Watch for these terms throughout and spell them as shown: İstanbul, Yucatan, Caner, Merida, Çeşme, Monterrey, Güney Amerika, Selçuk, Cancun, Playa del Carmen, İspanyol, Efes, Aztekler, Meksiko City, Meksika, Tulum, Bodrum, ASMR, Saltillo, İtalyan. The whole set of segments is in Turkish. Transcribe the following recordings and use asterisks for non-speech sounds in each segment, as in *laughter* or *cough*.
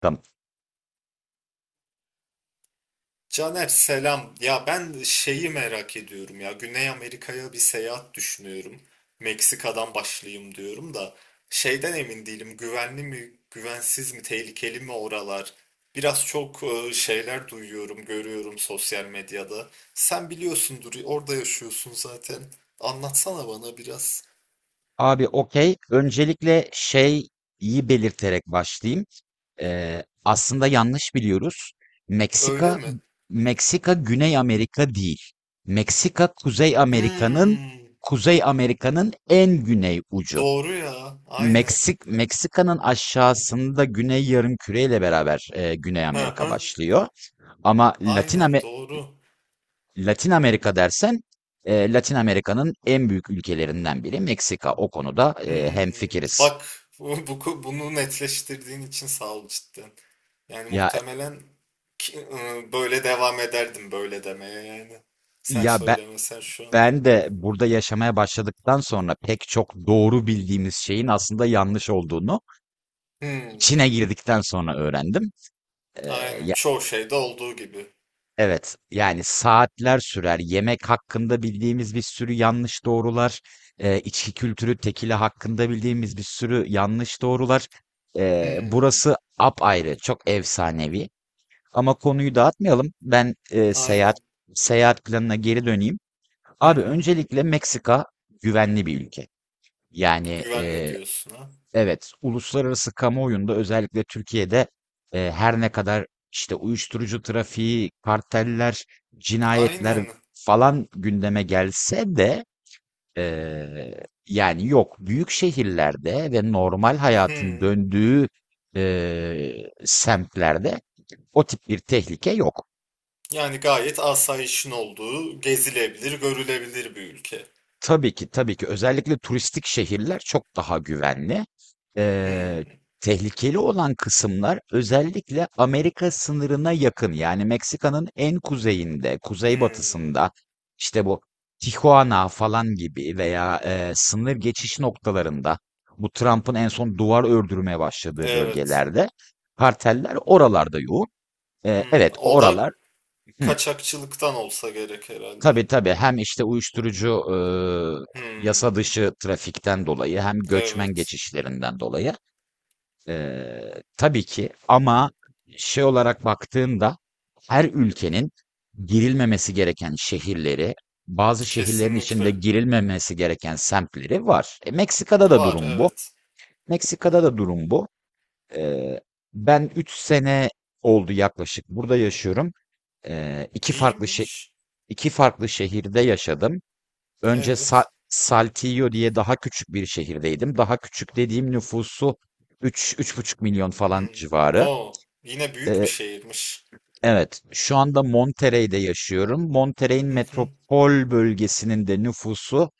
Tamam. Caner selam. Ya ben şeyi merak ediyorum ya. Güney Amerika'ya bir seyahat düşünüyorum. Meksika'dan başlayayım diyorum da şeyden emin değilim. Güvenli mi, güvensiz mi, tehlikeli mi oralar? Biraz çok şeyler duyuyorum, görüyorum sosyal medyada. Sen biliyorsundur, orada yaşıyorsun zaten. Anlatsana bana biraz. Abi okey. Öncelikle şeyi belirterek başlayayım. Aslında yanlış biliyoruz. Öyle Meksika mi? Meksika Güney Amerika değil. Meksika Kuzey Amerika'nın Hmm, Kuzey Amerika'nın en güney ucu. doğru ya. Aynen. Meksika'nın aşağısında Güney Yarımküre ile beraber Güney Hı Amerika hı. başlıyor. Ama Aynen doğru. Latin Amerika dersen, Latin Amerika'nın en büyük ülkelerinden biri Meksika. O konuda Hmm, hemfikiriz. bak bunu netleştirdiğin için sağ ol cidden. Yani Ya muhtemelen böyle devam ederdim böyle demeye yani. Sen ya ben söylemesen şu an. ben de burada yaşamaya başladıktan sonra pek çok doğru bildiğimiz şeyin aslında yanlış olduğunu Hmm, içine girdikten sonra öğrendim. Aynen. Ya, Çoğu şeyde olduğu gibi. evet, yani saatler sürer. Yemek hakkında bildiğimiz bir sürü yanlış doğrular, içki kültürü, tekila hakkında bildiğimiz bir sürü yanlış doğrular. Hmm, Burası apayrı, çok efsanevi. Ama konuyu dağıtmayalım. Ben seyahat aynen. seyahat planına geri döneyim. Hı Abi hı. öncelikle Meksika güvenli bir ülke. Yani Güvenli diyorsun ha. evet, uluslararası kamuoyunda özellikle Türkiye'de her ne kadar işte uyuşturucu trafiği, karteller, Aynen. cinayetler falan gündeme gelse de e, yani yok, büyük şehirlerde ve normal hayatın Hmm. döndüğü semtlerde o tip bir tehlike yok. Yani gayet asayişin olduğu, gezilebilir, görülebilir bir ülke. Tabii ki, tabii ki. Özellikle turistik şehirler çok daha güvenli. Eee, Hmm, Tehlikeli olan kısımlar özellikle Amerika sınırına yakın, yani Meksika'nın en kuzeyinde, hmm. kuzeybatısında, işte bu Tijuana falan gibi veya, sınır geçiş noktalarında, bu Trump'ın en son duvar ördürmeye başladığı Evet. bölgelerde karteller oralarda yoğun. Hmm. Evet, O da oralar. Hı. kaçakçılıktan olsa gerek herhalde. Tabii, tabii, hem işte uyuşturucu yasa Hmm, dışı trafikten dolayı hem göçmen evet. geçişlerinden dolayı, tabii ki. Ama şey olarak baktığında her ülkenin girilmemesi gereken şehirleri, bazı şehirlerin içinde Kesinlikle. girilmemesi gereken semtleri var. Meksika'da da Var, durum bu. evet. Meksika'da Hmm. da durum bu. Eee, Ben 3 sene oldu yaklaşık burada yaşıyorum. Eee iki farklı şe- İyiymiş. iki farklı şehirde yaşadım. Önce Evet. Saltillo diye daha küçük bir şehirdeydim. Daha küçük dediğim nüfusu 3 3,5 milyon falan Hmm. civarı. Oo, yine büyük bir Ee, şehirmiş. evet, şu anda Monterrey'de yaşıyorum. Monterrey'in Hı hı. metropol bölgesinin de nüfusu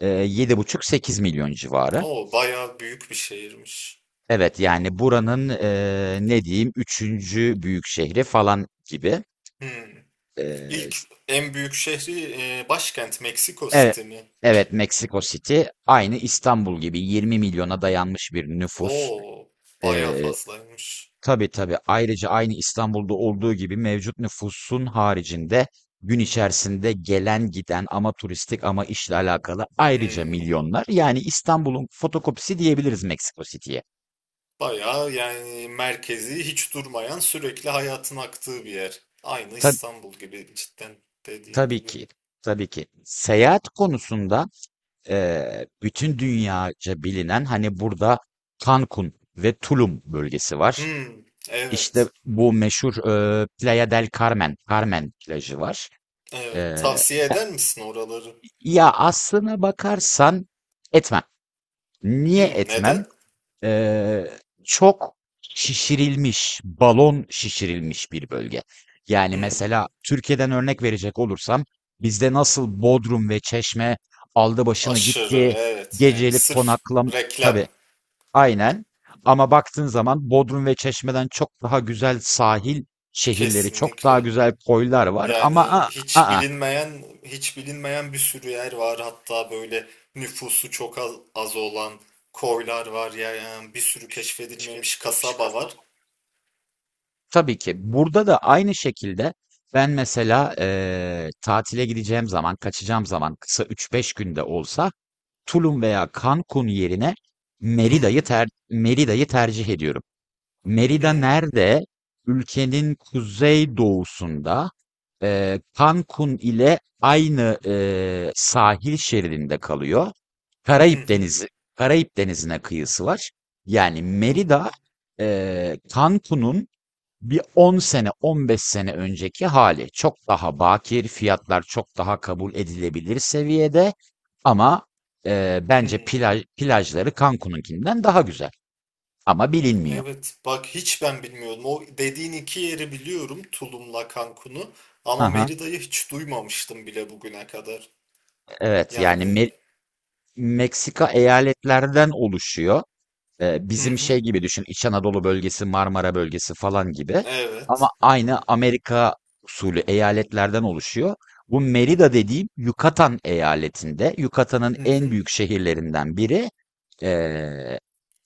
7,5-8 milyon civarı. Oo, bayağı büyük bir şehirmiş. Evet, yani buranın ne diyeyim, üçüncü büyük şehri falan gibi. Hmm. Ee, İlk s- en büyük şehri başkent Meksiko evet, City mi? evet, Meksiko City aynı İstanbul gibi 20 milyona dayanmış bir nüfus. Oo, bayağı Ee, fazlaymış. Tabii, tabii. Ayrıca aynı İstanbul'da olduğu gibi mevcut nüfusun haricinde gün içerisinde gelen giden, ama turistik ama işle alakalı, ayrıca Hmm. milyonlar. Yani İstanbul'un fotokopisi diyebiliriz Meksiko City'ye. Bayağı yani merkezi hiç durmayan sürekli hayatın aktığı bir yer. Aynı Tabii, İstanbul gibi cidden dediğin tabii gibi. ki. Tabii ki. Seyahat konusunda, bütün dünyaca bilinen, hani, burada Cancun ve Tulum bölgesi var. Hmm, İşte evet. bu meşhur, Playa del Carmen, Carmen plajı var. Evet, Eee tavsiye eder misin oraları? Ya, aslına bakarsan etmem. Niye Hmm, etmem? neden? Eee, Çok şişirilmiş, balon şişirilmiş bir bölge. Yani Hmm, mesela Türkiye'den örnek verecek olursam bizde nasıl Bodrum ve Çeşme aldı başını aşırı, gitti, evet. Yani gecelik sırf konaklam reklam, tabii, aynen. Ama baktığın zaman Bodrum ve Çeşme'den çok daha güzel sahil şehirleri, çok daha kesinlikle. güzel koylar var ama Yani a hiç a bilinmeyen, hiç bilinmeyen bir sürü yer var. Hatta böyle nüfusu çok az olan koylar var. Yani bir sürü keşfedilmemiş kasaba var. tabii ki. Burada da aynı şekilde ben mesela tatile gideceğim zaman, kaçacağım zaman, kısa üç beş günde olsa Tulum veya Cancun yerine Hmm, Merida'yı tercih ediyorum. Merida hmm, nerede? Ülkenin kuzey doğusunda, Cancun ile aynı, sahil şeridinde kalıyor. Karayip hmm, Denizi, Karayip Denizi'ne kıyısı var. Yani hmm, Merida, Cancun'un bir 10 sene, 15 sene önceki hali. Çok daha bakir, fiyatlar çok daha kabul edilebilir seviyede. Ama bence hmm. plajları Cancun'unkinden daha güzel. Ama bilinmiyor. Evet bak hiç ben bilmiyordum. O dediğin iki yeri biliyorum Tulum'la Cancun'u ama Aha. Merida'yı hiç duymamıştım bile bugüne kadar. Evet, yani, Yani Meksika eyaletlerden oluşuyor. Hı Bizim şey hı gibi düşün, İç Anadolu bölgesi, Marmara bölgesi falan gibi. Ama evet aynı Amerika usulü eyaletlerden oluşuyor. Bu Merida dediğim Yucatan eyaletinde. Yucatan'ın hı en hı. büyük şehirlerinden biri. Eee,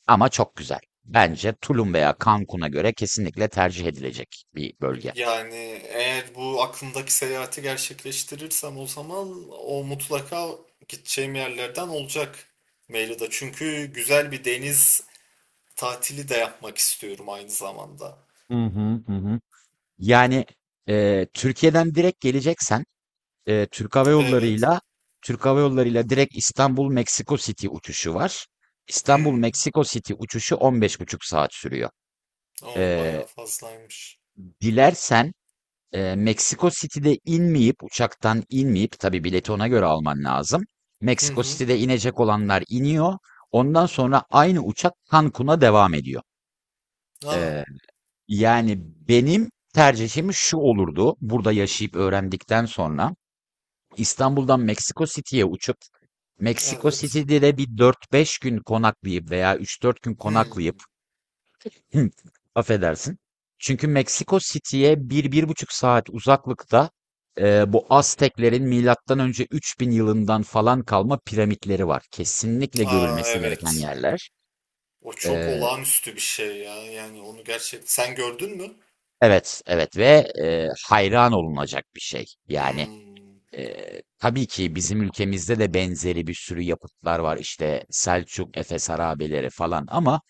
Ama çok güzel. Bence Tulum veya Cancun'a göre kesinlikle tercih edilecek bir bölge. Yani eğer bu aklımdaki seyahati gerçekleştirirsem o zaman o mutlaka gideceğim yerlerden olacak Merida. Çünkü güzel bir deniz tatili de yapmak istiyorum aynı zamanda. Hı hı. Yani, Türkiye'den direkt geleceksen, e, Türk Hava Evet. Yolları'yla Türk Hava Yolları'yla direkt İstanbul Meksiko City uçuşu var. İstanbul Hmm. Meksiko City uçuşu 15,5 saat sürüyor. O E, bayağı fazlaymış. Dilersen, Meksiko City'de inmeyip, uçaktan inmeyip, tabii bileti ona göre alman lazım. Hı Meksiko hı. City'de inecek olanlar iniyor. Ondan sonra aynı uçak Cancun'a devam ediyor. Aa, E, Yani benim tercihim şu olurdu. Burada yaşayıp öğrendikten sonra İstanbul'dan Meksiko City'ye uçup Meksiko evet. City'de de bir dört beş gün konaklayıp veya üç dört gün konaklayıp Hmm. *laughs* affedersin. Çünkü Meksiko City'ye bir, bir buçuk saat uzaklıkta bu Azteklerin milattan önce 3000 yılından falan kalma piramitleri var. Kesinlikle Aa görülmesi gereken evet. yerler. O çok E, olağanüstü bir şey ya. Yani onu gerçekten sen gördün mü? evet, evet ve hayran olunacak bir şey. Yani. Hmm. Tabii ki bizim ülkemizde de benzeri bir sürü yapıtlar var. İşte Selçuk, Efes harabeleri falan ama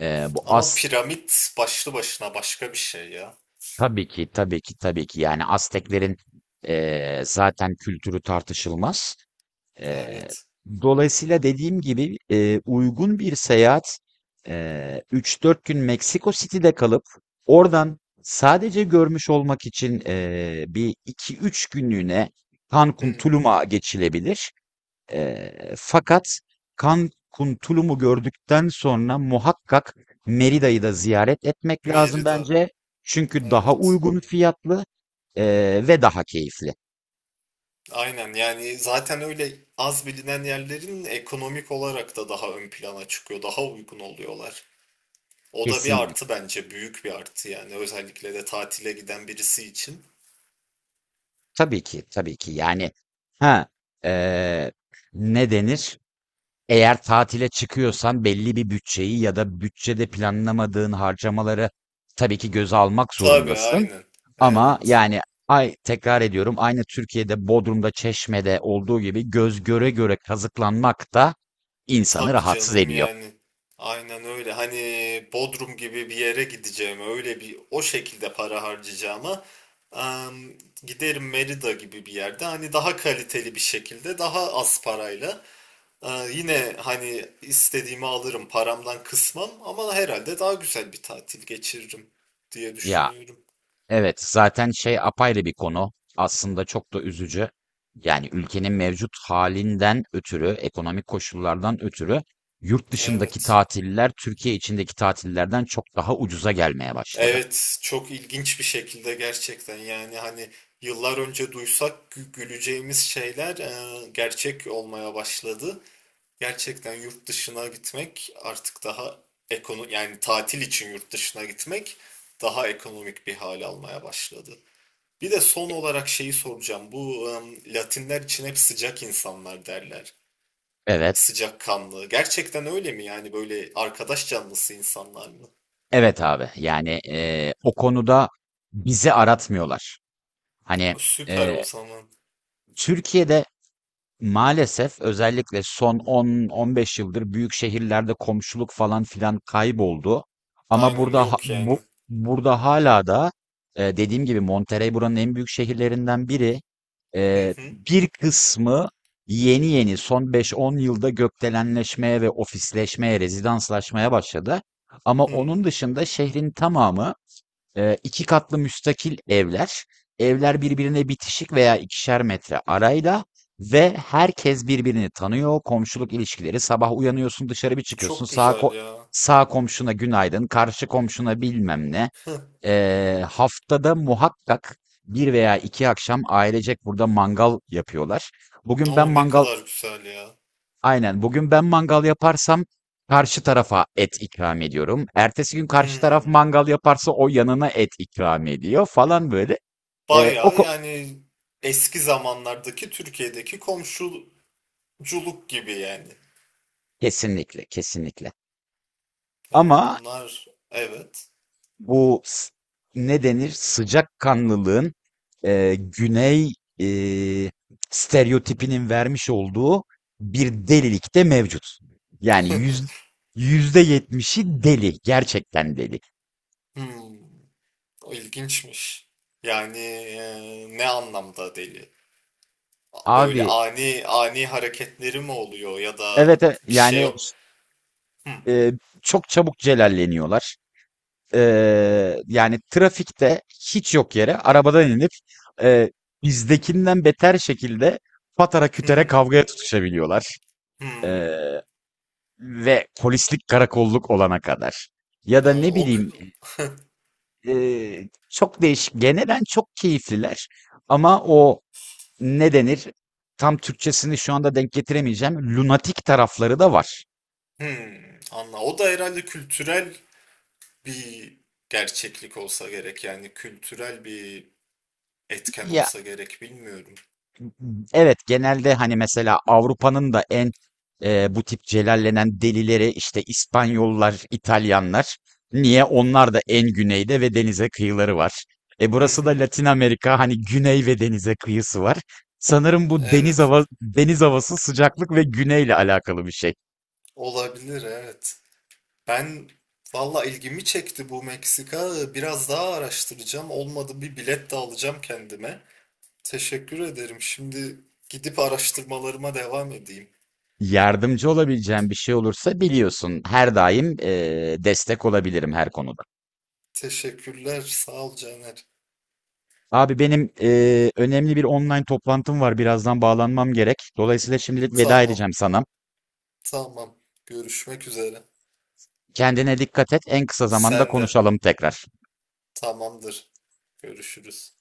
bu Ama As piramit başlı başına başka bir şey ya. tabii ki, tabii ki, tabii ki, yani Azteklerin, zaten kültürü tartışılmaz. Eee, Evet. Dolayısıyla dediğim gibi, uygun bir seyahat, 3-4 gün Meksiko City'de kalıp oradan sadece görmüş olmak için bir iki üç günlüğüne Cancun, Hmm. Tulum'a geçilebilir. Fakat Cancun, Tulum'u gördükten sonra muhakkak Merida'yı da ziyaret etmek lazım Merida. bence. Çünkü daha Evet. uygun fiyatlı, ve daha keyifli. Aynen yani zaten öyle az bilinen yerlerin ekonomik olarak da daha ön plana çıkıyor. Daha uygun oluyorlar. O da bir Kesinlikle. artı bence. Büyük bir artı yani. Özellikle de tatile giden birisi için. Tabii ki, tabii ki. Yani, ha eee, ne denir? Eğer tatile çıkıyorsan belli bir bütçeyi ya da bütçede planlamadığın harcamaları tabii ki göze almak Tabii zorundasın. aynen. Ama Evet. yani, tekrar ediyorum, aynı Türkiye'de Bodrum'da, Çeşme'de olduğu gibi göz göre göre kazıklanmak da insanı Tabii rahatsız canım ediyor. yani. Aynen öyle. Hani Bodrum gibi bir yere gideceğime, öyle bir o şekilde para harcayacağıma em, giderim Merida gibi bir yerde. Hani daha kaliteli bir şekilde, daha az parayla. e, Yine hani istediğimi alırım, paramdan kısmam ama herhalde daha güzel bir tatil geçiririm diye Ya, düşünüyorum. evet, zaten şey apayrı bir konu. Aslında çok da üzücü. Yani ülkenin mevcut halinden ötürü, ekonomik koşullardan ötürü yurt dışındaki Evet. tatiller Türkiye içindeki tatillerden çok daha ucuza gelmeye başladı. Evet, çok ilginç bir şekilde gerçekten yani hani yıllar önce duysak güleceğimiz şeyler gerçek olmaya başladı. Gerçekten yurt dışına gitmek artık daha ekonomik yani tatil için yurt dışına gitmek daha ekonomik bir hal almaya başladı. Bir de son olarak şeyi soracağım. Bu Latinler için hep sıcak insanlar derler. Evet. Sıcakkanlı. Gerçekten öyle mi yani böyle arkadaş canlısı insanlar mı? Evet abi. Yani o konuda bizi aratmıyorlar. Hani, Süper o eee zaman. Türkiye'de maalesef özellikle son 10-15 yıldır büyük şehirlerde komşuluk falan filan kayboldu. Ama Aynen burada yok yani. burada hala da, dediğim gibi Monterrey buranın en büyük şehirlerinden biri. Hı hı. Bir kısmı yeni yeni son 5-10 yılda gökdelenleşmeye ve ofisleşmeye, rezidanslaşmaya başladı. Ama onun Hımm. dışında şehrin tamamı 2 katlı müstakil evler. Evler birbirine bitişik veya 2'şer metre arayla ve herkes birbirini tanıyor. Komşuluk ilişkileri. Sabah uyanıyorsun, dışarı bir çıkıyorsun. Çok güzel ya. Sağ komşuna günaydın, karşı komşuna bilmem ne. Haftada muhakkak bir veya iki akşam ailecek burada mangal yapıyorlar. Bugün ben O, ne mangal kadar güzel ya. Aynen. Bugün ben mangal yaparsam karşı tarafa et ikram ediyorum. Ertesi gün karşı taraf Hımm. mangal yaparsa o yanına et ikram ediyor falan böyle. Ee, o Bayağı ko- yani eski zamanlardaki Türkiye'deki komşuculuk gibi yani. Kesinlikle, kesinlikle. Yani Ama bunlar evet. bu s- ne denir? Sıcakkanlılığın, güney, e, stereotipinin vermiş olduğu bir delilik de mevcut. Yani, %70'i deli. Gerçekten deli. Hımm. O ilginçmiş. Yani ne anlamda deli? Böyle Abi, ani ani hareketleri mi oluyor ya da evet, bir şey. Hı Eee, çok çabuk celalleniyorlar. Yani trafikte hiç yok yere arabadan inip, eee, bizdekinden beter şekilde patara kütere hı. kavgaya tutuşabiliyorlar. Hımm. Eee, Ve polislik karakolluk olana kadar. Ya da Aa, ne o bileyim, çok değişik. Genelen çok keyifliler ama o ne denir? Tam Türkçesini şu anda denk getiremeyeceğim. Lunatik tarafları da var. hımm. Anla. O da herhalde kültürel bir gerçeklik olsa gerek yani kültürel bir etken Ya, olsa gerek bilmiyorum. evet, genelde, hani, mesela Avrupa'nın da en, bu tip celallenen delileri, işte, İspanyollar, İtalyanlar. Niye? Onlar da en güneyde ve denize kıyıları var. Hı Burası da hı. Latin Amerika, hani, güney ve denize kıyısı var. Sanırım bu Evet. Deniz havası, sıcaklık ve güneyle alakalı bir şey. Olabilir evet. Ben valla ilgimi çekti bu Meksika. Biraz daha araştıracağım. Olmadı bir bilet de alacağım kendime. Teşekkür ederim. Şimdi gidip araştırmalarıma devam edeyim. Yardımcı olabileceğim bir şey olursa biliyorsun, her daim, destek olabilirim her konuda. Teşekkürler. Sağ ol Caner. Abi benim önemli bir online toplantım var. Birazdan bağlanmam gerek. Dolayısıyla şimdilik veda Tamam. edeceğim sana. Tamam. Görüşmek üzere. Kendine dikkat et. En kısa zamanda Sen de. konuşalım tekrar. Tamamdır. Görüşürüz.